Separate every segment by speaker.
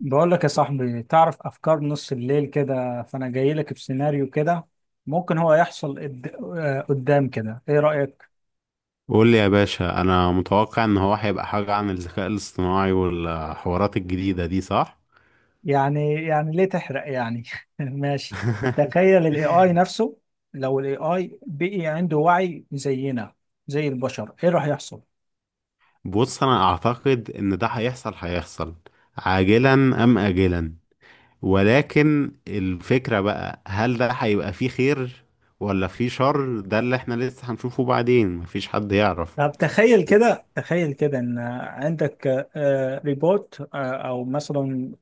Speaker 1: بقول لك يا صاحبي، تعرف افكار نص الليل كده، فانا جاي لك بسيناريو كده ممكن هو يحصل قدام كده. ايه رأيك؟
Speaker 2: قول لي يا باشا، انا متوقع ان هو هيبقى حاجة عن الذكاء الاصطناعي والحوارات الجديدة دي، صح؟
Speaker 1: يعني ليه تحرق يعني؟ ماشي. تخيل الاي اي نفسه. لو الاي اي بقي عنده وعي زينا، زي البشر، ايه راح يحصل؟
Speaker 2: بص، انا اعتقد ان ده هيحصل هيحصل عاجلا ام اجلا. ولكن الفكرة بقى، هل ده هيبقى فيه خير ولا فيه شر؟ ده اللي احنا لسه هنشوفه بعدين. مفيش حد يعرف.
Speaker 1: طب تخيل كده، تخيل كده ان عندك ريبوت، او مثلا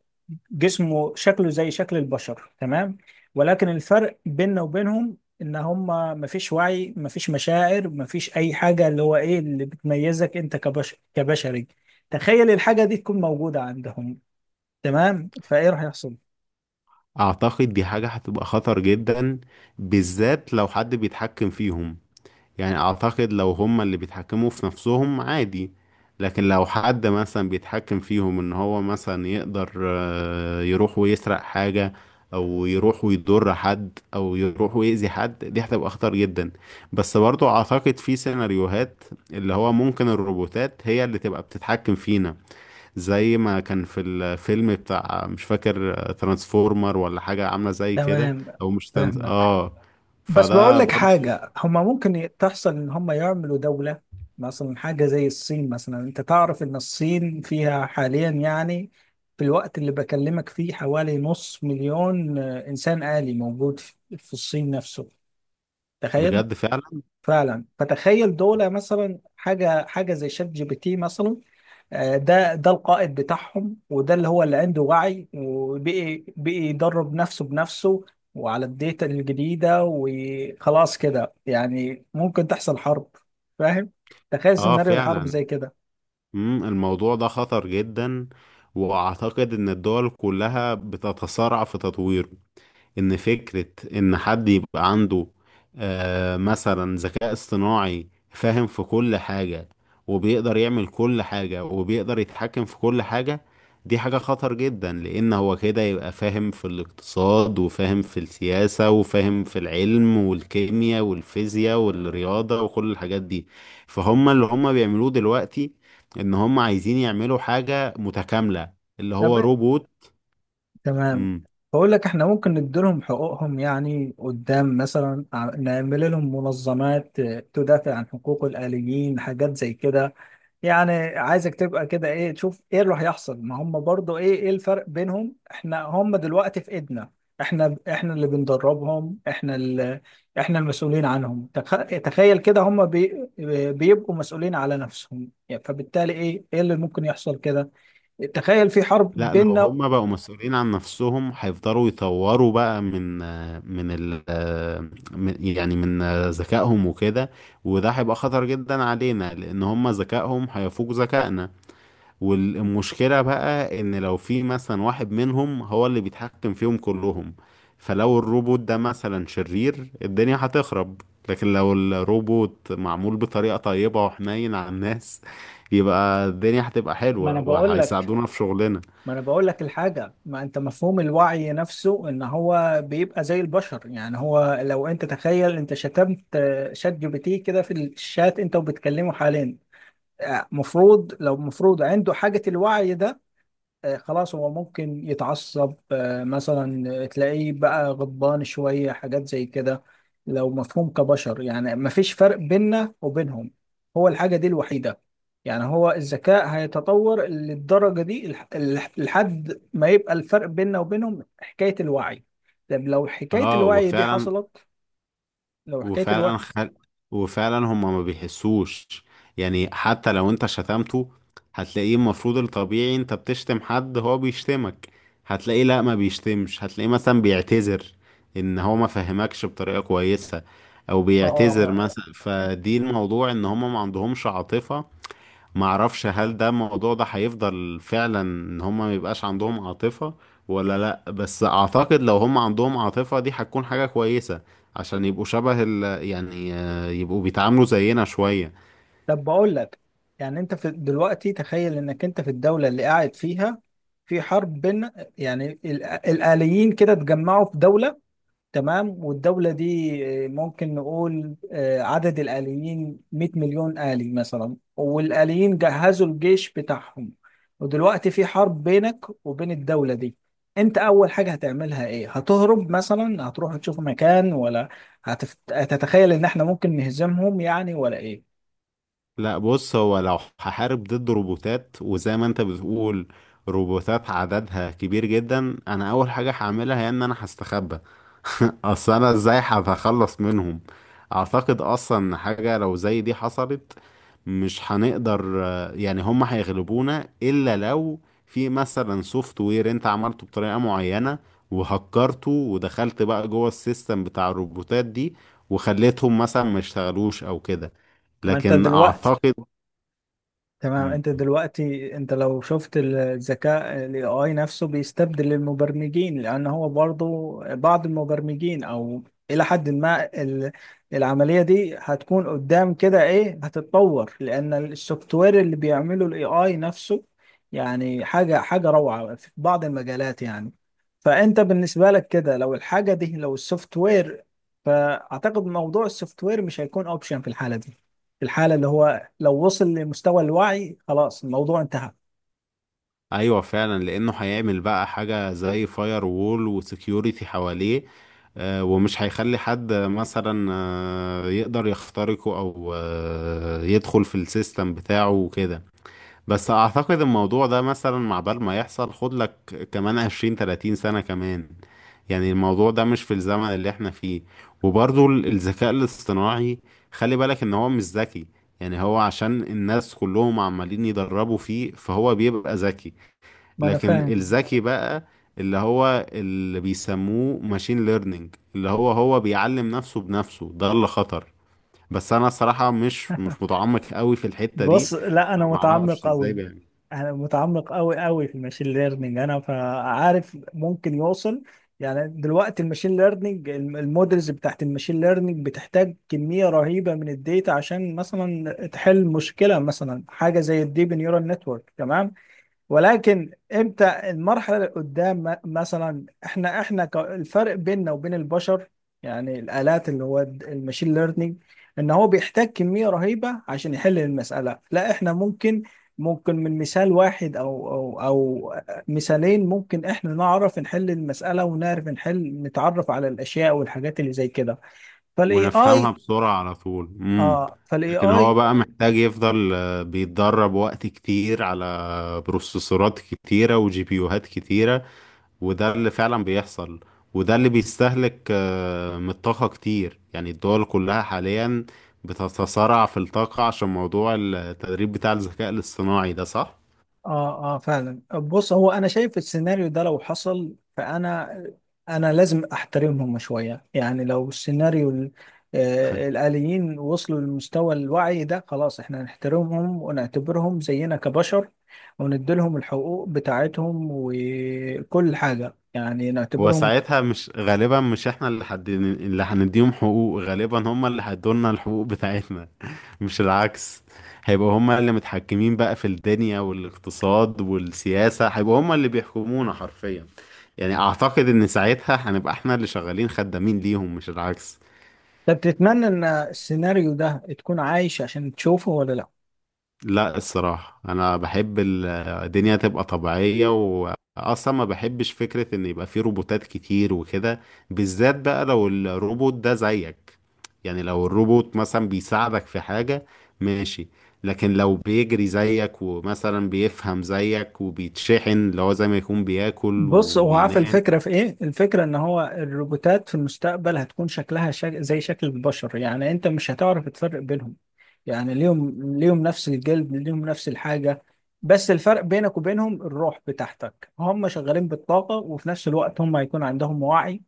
Speaker 1: جسمه شكله زي شكل البشر، تمام. ولكن الفرق بيننا وبينهم ان هم مفيش وعي، مفيش مشاعر، مفيش اي حاجة. اللي هو ايه اللي بتميزك انت كبشر كبشري؟ تخيل الحاجة دي تكون موجودة عندهم. تمام، فايه راح يحصل؟
Speaker 2: اعتقد دي حاجة هتبقى خطر جدا، بالذات لو حد بيتحكم فيهم. يعني اعتقد لو هما اللي بيتحكموا في نفسهم، عادي. لكن لو حد مثلا بيتحكم فيهم، ان هو مثلا يقدر يروح ويسرق حاجة، او يروح ويضر حد، او يروح ويأذي حد، دي هتبقى خطر جدا. بس برضو اعتقد في سيناريوهات اللي هو ممكن الروبوتات هي اللي تبقى بتتحكم فينا، زي ما كان في الفيلم بتاع، مش فاكر، ترانسفورمر ولا حاجة عاملة زي كده.
Speaker 1: تمام،
Speaker 2: او مش ترانس...
Speaker 1: فاهمك.
Speaker 2: اه
Speaker 1: بس بقول
Speaker 2: فده
Speaker 1: لك
Speaker 2: برضو.
Speaker 1: حاجة هما ممكن تحصل، إن هما يعملوا دولة. مثلا حاجة زي الصين. مثلا أنت تعرف إن الصين فيها حاليا، يعني في الوقت اللي بكلمك فيه، حوالي نص مليون إنسان آلي موجود في الصين نفسه. تخيل.
Speaker 2: بجد فعلا.
Speaker 1: فعلا، فتخيل دولة مثلا، حاجة زي شات جي بي تي مثلا. ده القائد بتاعهم، وده اللي هو اللي عنده وعي، وبقي يدرب نفسه بنفسه وعلى الداتا الجديدة. وخلاص كده يعني ممكن تحصل حرب، فاهم؟ تخيل
Speaker 2: اه
Speaker 1: سيناريو الحرب
Speaker 2: فعلا.
Speaker 1: زي كده.
Speaker 2: الموضوع ده خطر جدا، واعتقد ان الدول كلها بتتسارع في تطويره. ان فكرة ان حد يبقى عنده مثلا ذكاء اصطناعي فاهم في كل حاجة، وبيقدر يعمل كل حاجة، وبيقدر يتحكم في كل حاجة، دي حاجة خطر جدا، لان هو كده يبقى فاهم في الاقتصاد، وفاهم في السياسة، وفاهم في العلم والكيمياء والفيزياء والرياضة وكل الحاجات دي. فهم اللي هم بيعملوه دلوقتي ان هم عايزين يعملوا حاجة متكاملة اللي
Speaker 1: طب،
Speaker 2: هو روبوت.
Speaker 1: تمام. بقول لك احنا ممكن نديلهم حقوقهم، يعني قدام مثلا نعمل لهم منظمات تدافع عن حقوق الآليين، حاجات زي كده يعني. عايزك تبقى كده، ايه تشوف، ايه اللي هيحصل؟ ما هم برضو ايه الفرق بينهم؟ احنا هم دلوقتي في ايدنا. احنا اللي بندربهم، احنا المسؤولين عنهم. تخيل كده، هم بيبقوا مسؤولين على نفسهم، يعني فبالتالي ايه اللي ممكن يحصل كده؟ تخيل في حرب
Speaker 2: لا، لو
Speaker 1: بيننا.
Speaker 2: هما بقوا مسؤولين عن نفسهم هيفضلوا يطوروا بقى من من ال من- يعني من ذكائهم وكده. وده هيبقى خطر جدا علينا، لان هما ذكائهم هيفوق ذكائنا. والمشكلة بقى ان لو في مثلا واحد منهم هو اللي بيتحكم فيهم كلهم، فلو الروبوت ده مثلا شرير، الدنيا هتخرب. لكن لو الروبوت معمول بطريقة طيبة وحنين على الناس، يبقى الدنيا هتبقى
Speaker 1: ما انا
Speaker 2: حلوة
Speaker 1: بقول لك
Speaker 2: وهيساعدونا في شغلنا.
Speaker 1: ما انا بقول لك الحاجه، ما انت مفهوم الوعي نفسه ان هو بيبقى زي البشر. يعني هو لو انت تخيل، انت شتمت شات جي بي تي كده في الشات، انت وبتكلمه حاليا، مفروض، لو مفروض عنده حاجه الوعي ده، خلاص، هو ممكن يتعصب، مثلا تلاقيه بقى غضبان شوية، حاجات زي كده. لو مفهوم كبشر، يعني مفيش فرق بيننا وبينهم. هو الحاجة دي الوحيدة، يعني هو الذكاء هيتطور للدرجة دي لحد ما يبقى الفرق بيننا وبينهم حكاية الوعي. طب لو حكاية
Speaker 2: اه،
Speaker 1: الوعي دي حصلت، لو حكاية
Speaker 2: وفعلا
Speaker 1: الوعي
Speaker 2: خل... وفعلا هما ما بيحسوش. يعني حتى لو انت شتمته، هتلاقيه، المفروض الطبيعي انت بتشتم حد هو بيشتمك، هتلاقيه لا، ما بيشتمش، هتلاقيه مثلا بيعتذر ان هو ما فهمكش بطريقة كويسة، او بيعتذر
Speaker 1: اه
Speaker 2: مثلا. فدي الموضوع، ان هما ما عندهمش عاطفة. معرفش، هل ده الموضوع ده هيفضل فعلا ان هما ميبقاش عندهم عاطفة ولا لا؟ بس اعتقد لو هما عندهم عاطفة، دي هتكون حاجة كويسة، عشان يبقوا شبه ال يعني يبقوا بيتعاملوا زينا شوية.
Speaker 1: طب بقول لك، يعني انت في دلوقتي، تخيل انك انت في الدولة اللي قاعد فيها في حرب، بين، يعني الآليين كده اتجمعوا في دولة، تمام. والدولة دي ممكن نقول عدد الآليين 100 مليون آلي مثلا، والآليين جهزوا الجيش بتاعهم. ودلوقتي في حرب بينك وبين الدولة دي. انت اول حاجة هتعملها ايه؟ هتهرب مثلا، هتروح تشوف مكان، ولا هتتخيل ان احنا ممكن نهزمهم يعني، ولا إيه؟
Speaker 2: لا، بص، هو لو هحارب ضد روبوتات، وزي ما انت بتقول روبوتات عددها كبير جدا، انا اول حاجة هعملها هي ان انا هستخبى. اصل انا ازاي هخلص منهم؟ اعتقد اصلا إن حاجة لو زي دي حصلت، مش هنقدر يعني هم هيغلبونا، الا لو في مثلا سوفت وير انت عملته بطريقة معينة، وهكرته ودخلت بقى جوه السيستم بتاع الروبوتات دي، وخليتهم مثلا ما يشتغلوش او كده.
Speaker 1: ما انت
Speaker 2: لكن
Speaker 1: دلوقتي،
Speaker 2: اعتقد.
Speaker 1: تمام.
Speaker 2: مم.
Speaker 1: انت لو شفت الذكاء، الاي اي نفسه بيستبدل المبرمجين، لان هو برضه بعض المبرمجين، او الى حد ما العمليه دي هتكون قدام كده، ايه، هتتطور، لان السوفت وير اللي بيعمله الاي اي نفسه، يعني حاجه روعه في بعض المجالات يعني. فانت بالنسبه لك كده، لو الحاجه دي، لو السوفت وير، فاعتقد موضوع السوفت وير مش هيكون اوبشن في الحاله دي. في الحالة اللي هو لو وصل لمستوى الوعي، خلاص، الموضوع انتهى.
Speaker 2: ايوه فعلا، لانه هيعمل بقى حاجه زي فاير وول وسكيورتي حواليه، ومش هيخلي حد مثلا يقدر يخترقه، او يدخل في السيستم بتاعه وكده. بس اعتقد الموضوع ده مثلا، مع بال ما يحصل، خد لك كمان 20 30 سنه كمان. يعني الموضوع ده مش في الزمن اللي احنا فيه. وبرضو الذكاء الاصطناعي، خلي بالك ان هو مش ذكي. يعني هو عشان الناس كلهم عمالين يدربوا فيه فهو بيبقى ذكي.
Speaker 1: ما انا
Speaker 2: لكن
Speaker 1: فاهم.
Speaker 2: الذكي بقى اللي هو اللي بيسموه ماشين ليرنينج، اللي هو بيعلم نفسه بنفسه، ده اللي خطر. بس انا الصراحة مش متعمق قوي في الحتة دي،
Speaker 1: بص، لا،
Speaker 2: فما اعرفش ازاي بيعمل
Speaker 1: انا متعمق قوي قوي في الماشين ليرنينج، انا فعارف ممكن يوصل. يعني دلوقتي الماشين ليرنينج المودلز بتاعت الماشين ليرنينج بتحتاج كمية رهيبة من الداتا، عشان مثلا تحل مشكلة، مثلا حاجة زي الديب نيورال نتورك، تمام. ولكن امتى المرحله اللي قدام؟ مثلا، احنا احنا الفرق بيننا وبين البشر، يعني الالات اللي هو الماشين ليرنينج، ان هو بيحتاج كميه رهيبه عشان يحل المساله. لا، احنا ممكن، ممكن من مثال واحد، او مثالين، ممكن احنا نعرف نحل المساله، ونعرف نتعرف على الاشياء والحاجات اللي زي كده. فالاي
Speaker 2: ونفهمها
Speaker 1: اي
Speaker 2: بسرعة على طول.
Speaker 1: اه فالاي
Speaker 2: لكن هو
Speaker 1: اي،
Speaker 2: بقى محتاج يفضل بيتدرب وقت كتير على بروسيسورات كتيرة وجي بيوهات كتيرة، وده اللي فعلا بيحصل، وده اللي بيستهلك من الطاقة كتير. يعني الدول كلها حاليا بتتصارع في الطاقة عشان موضوع التدريب بتاع الذكاء الاصطناعي ده، صح؟
Speaker 1: اه فعلا. بص هو، انا شايف السيناريو ده لو حصل، فانا انا لازم احترمهم شويه يعني. لو السيناريو الآليين وصلوا لمستوى الوعي ده، خلاص احنا نحترمهم ونعتبرهم زينا كبشر، ونديلهم الحقوق بتاعتهم وكل حاجه يعني،
Speaker 2: هو
Speaker 1: نعتبرهم.
Speaker 2: ساعتها مش غالبا، مش احنا اللي حد اللي هنديهم حقوق، غالبا هم اللي هيدولنا الحقوق بتاعتنا، مش العكس. هيبقوا هم اللي متحكمين بقى في الدنيا والاقتصاد والسياسة، هيبقوا هم اللي بيحكمونا حرفيا. يعني اعتقد ان ساعتها هنبقى احنا اللي شغالين خدامين ليهم، مش العكس.
Speaker 1: طب، تتمنى ان السيناريو ده تكون عايش عشان تشوفه ولا لا؟
Speaker 2: لا، الصراحة أنا بحب الدنيا تبقى طبيعية، وأصلا ما بحبش فكرة إن يبقى في روبوتات كتير وكده، بالذات بقى لو الروبوت ده زيك. يعني لو الروبوت مثلا بيساعدك في حاجة، ماشي، لكن لو بيجري زيك ومثلا بيفهم زيك وبيتشحن اللي هو زي ما يكون بياكل
Speaker 1: بص هو، عارف
Speaker 2: وبينام.
Speaker 1: الفكرة في ايه؟ الفكرة ان هو الروبوتات في المستقبل هتكون شكلها زي شكل البشر، يعني انت مش هتعرف تفرق بينهم. يعني ليهم نفس الجلد، ليهم نفس الحاجة. بس الفرق بينك وبينهم الروح بتاعتك، هم شغالين بالطاقة، وفي نفس الوقت هم هيكون عندهم وعي.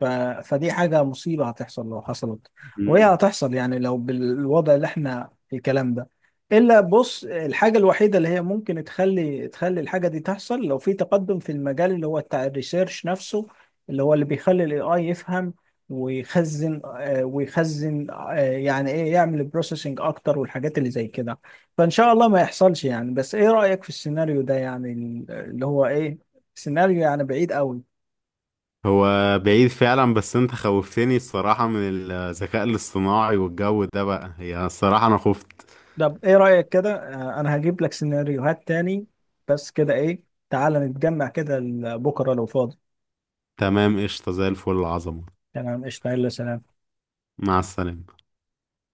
Speaker 1: ف... فدي حاجة مصيبة هتحصل لو حصلت. وهي
Speaker 2: مم.
Speaker 1: هتحصل يعني، لو بالوضع اللي احنا في الكلام ده. إلا، بص، الحاجة الوحيدة اللي هي ممكن تخلي الحاجة دي تحصل، لو في تقدم في المجال اللي هو بتاع الريسيرش نفسه، اللي هو اللي بيخلي ال AI يفهم ويخزن، يعني ايه، يعمل بروسيسنج اكتر والحاجات اللي زي كده. فان شاء الله ما يحصلش يعني. بس ايه رأيك في السيناريو ده يعني، اللي هو ايه، سيناريو يعني بعيد قوي.
Speaker 2: هو بعيد فعلا، بس انت خوفتني الصراحة من الذكاء الاصطناعي والجو ده بقى، هي الصراحة أنا خفت.
Speaker 1: طب، ايه رأيك كده، انا هجيب لك سيناريوهات تاني، بس كده ايه. تعالى نتجمع كده بكره لو فاضي.
Speaker 2: تمام، قشطة، زي الفل، العظمة.
Speaker 1: تمام، قشطة، يلا سلام.
Speaker 2: مع السلامة.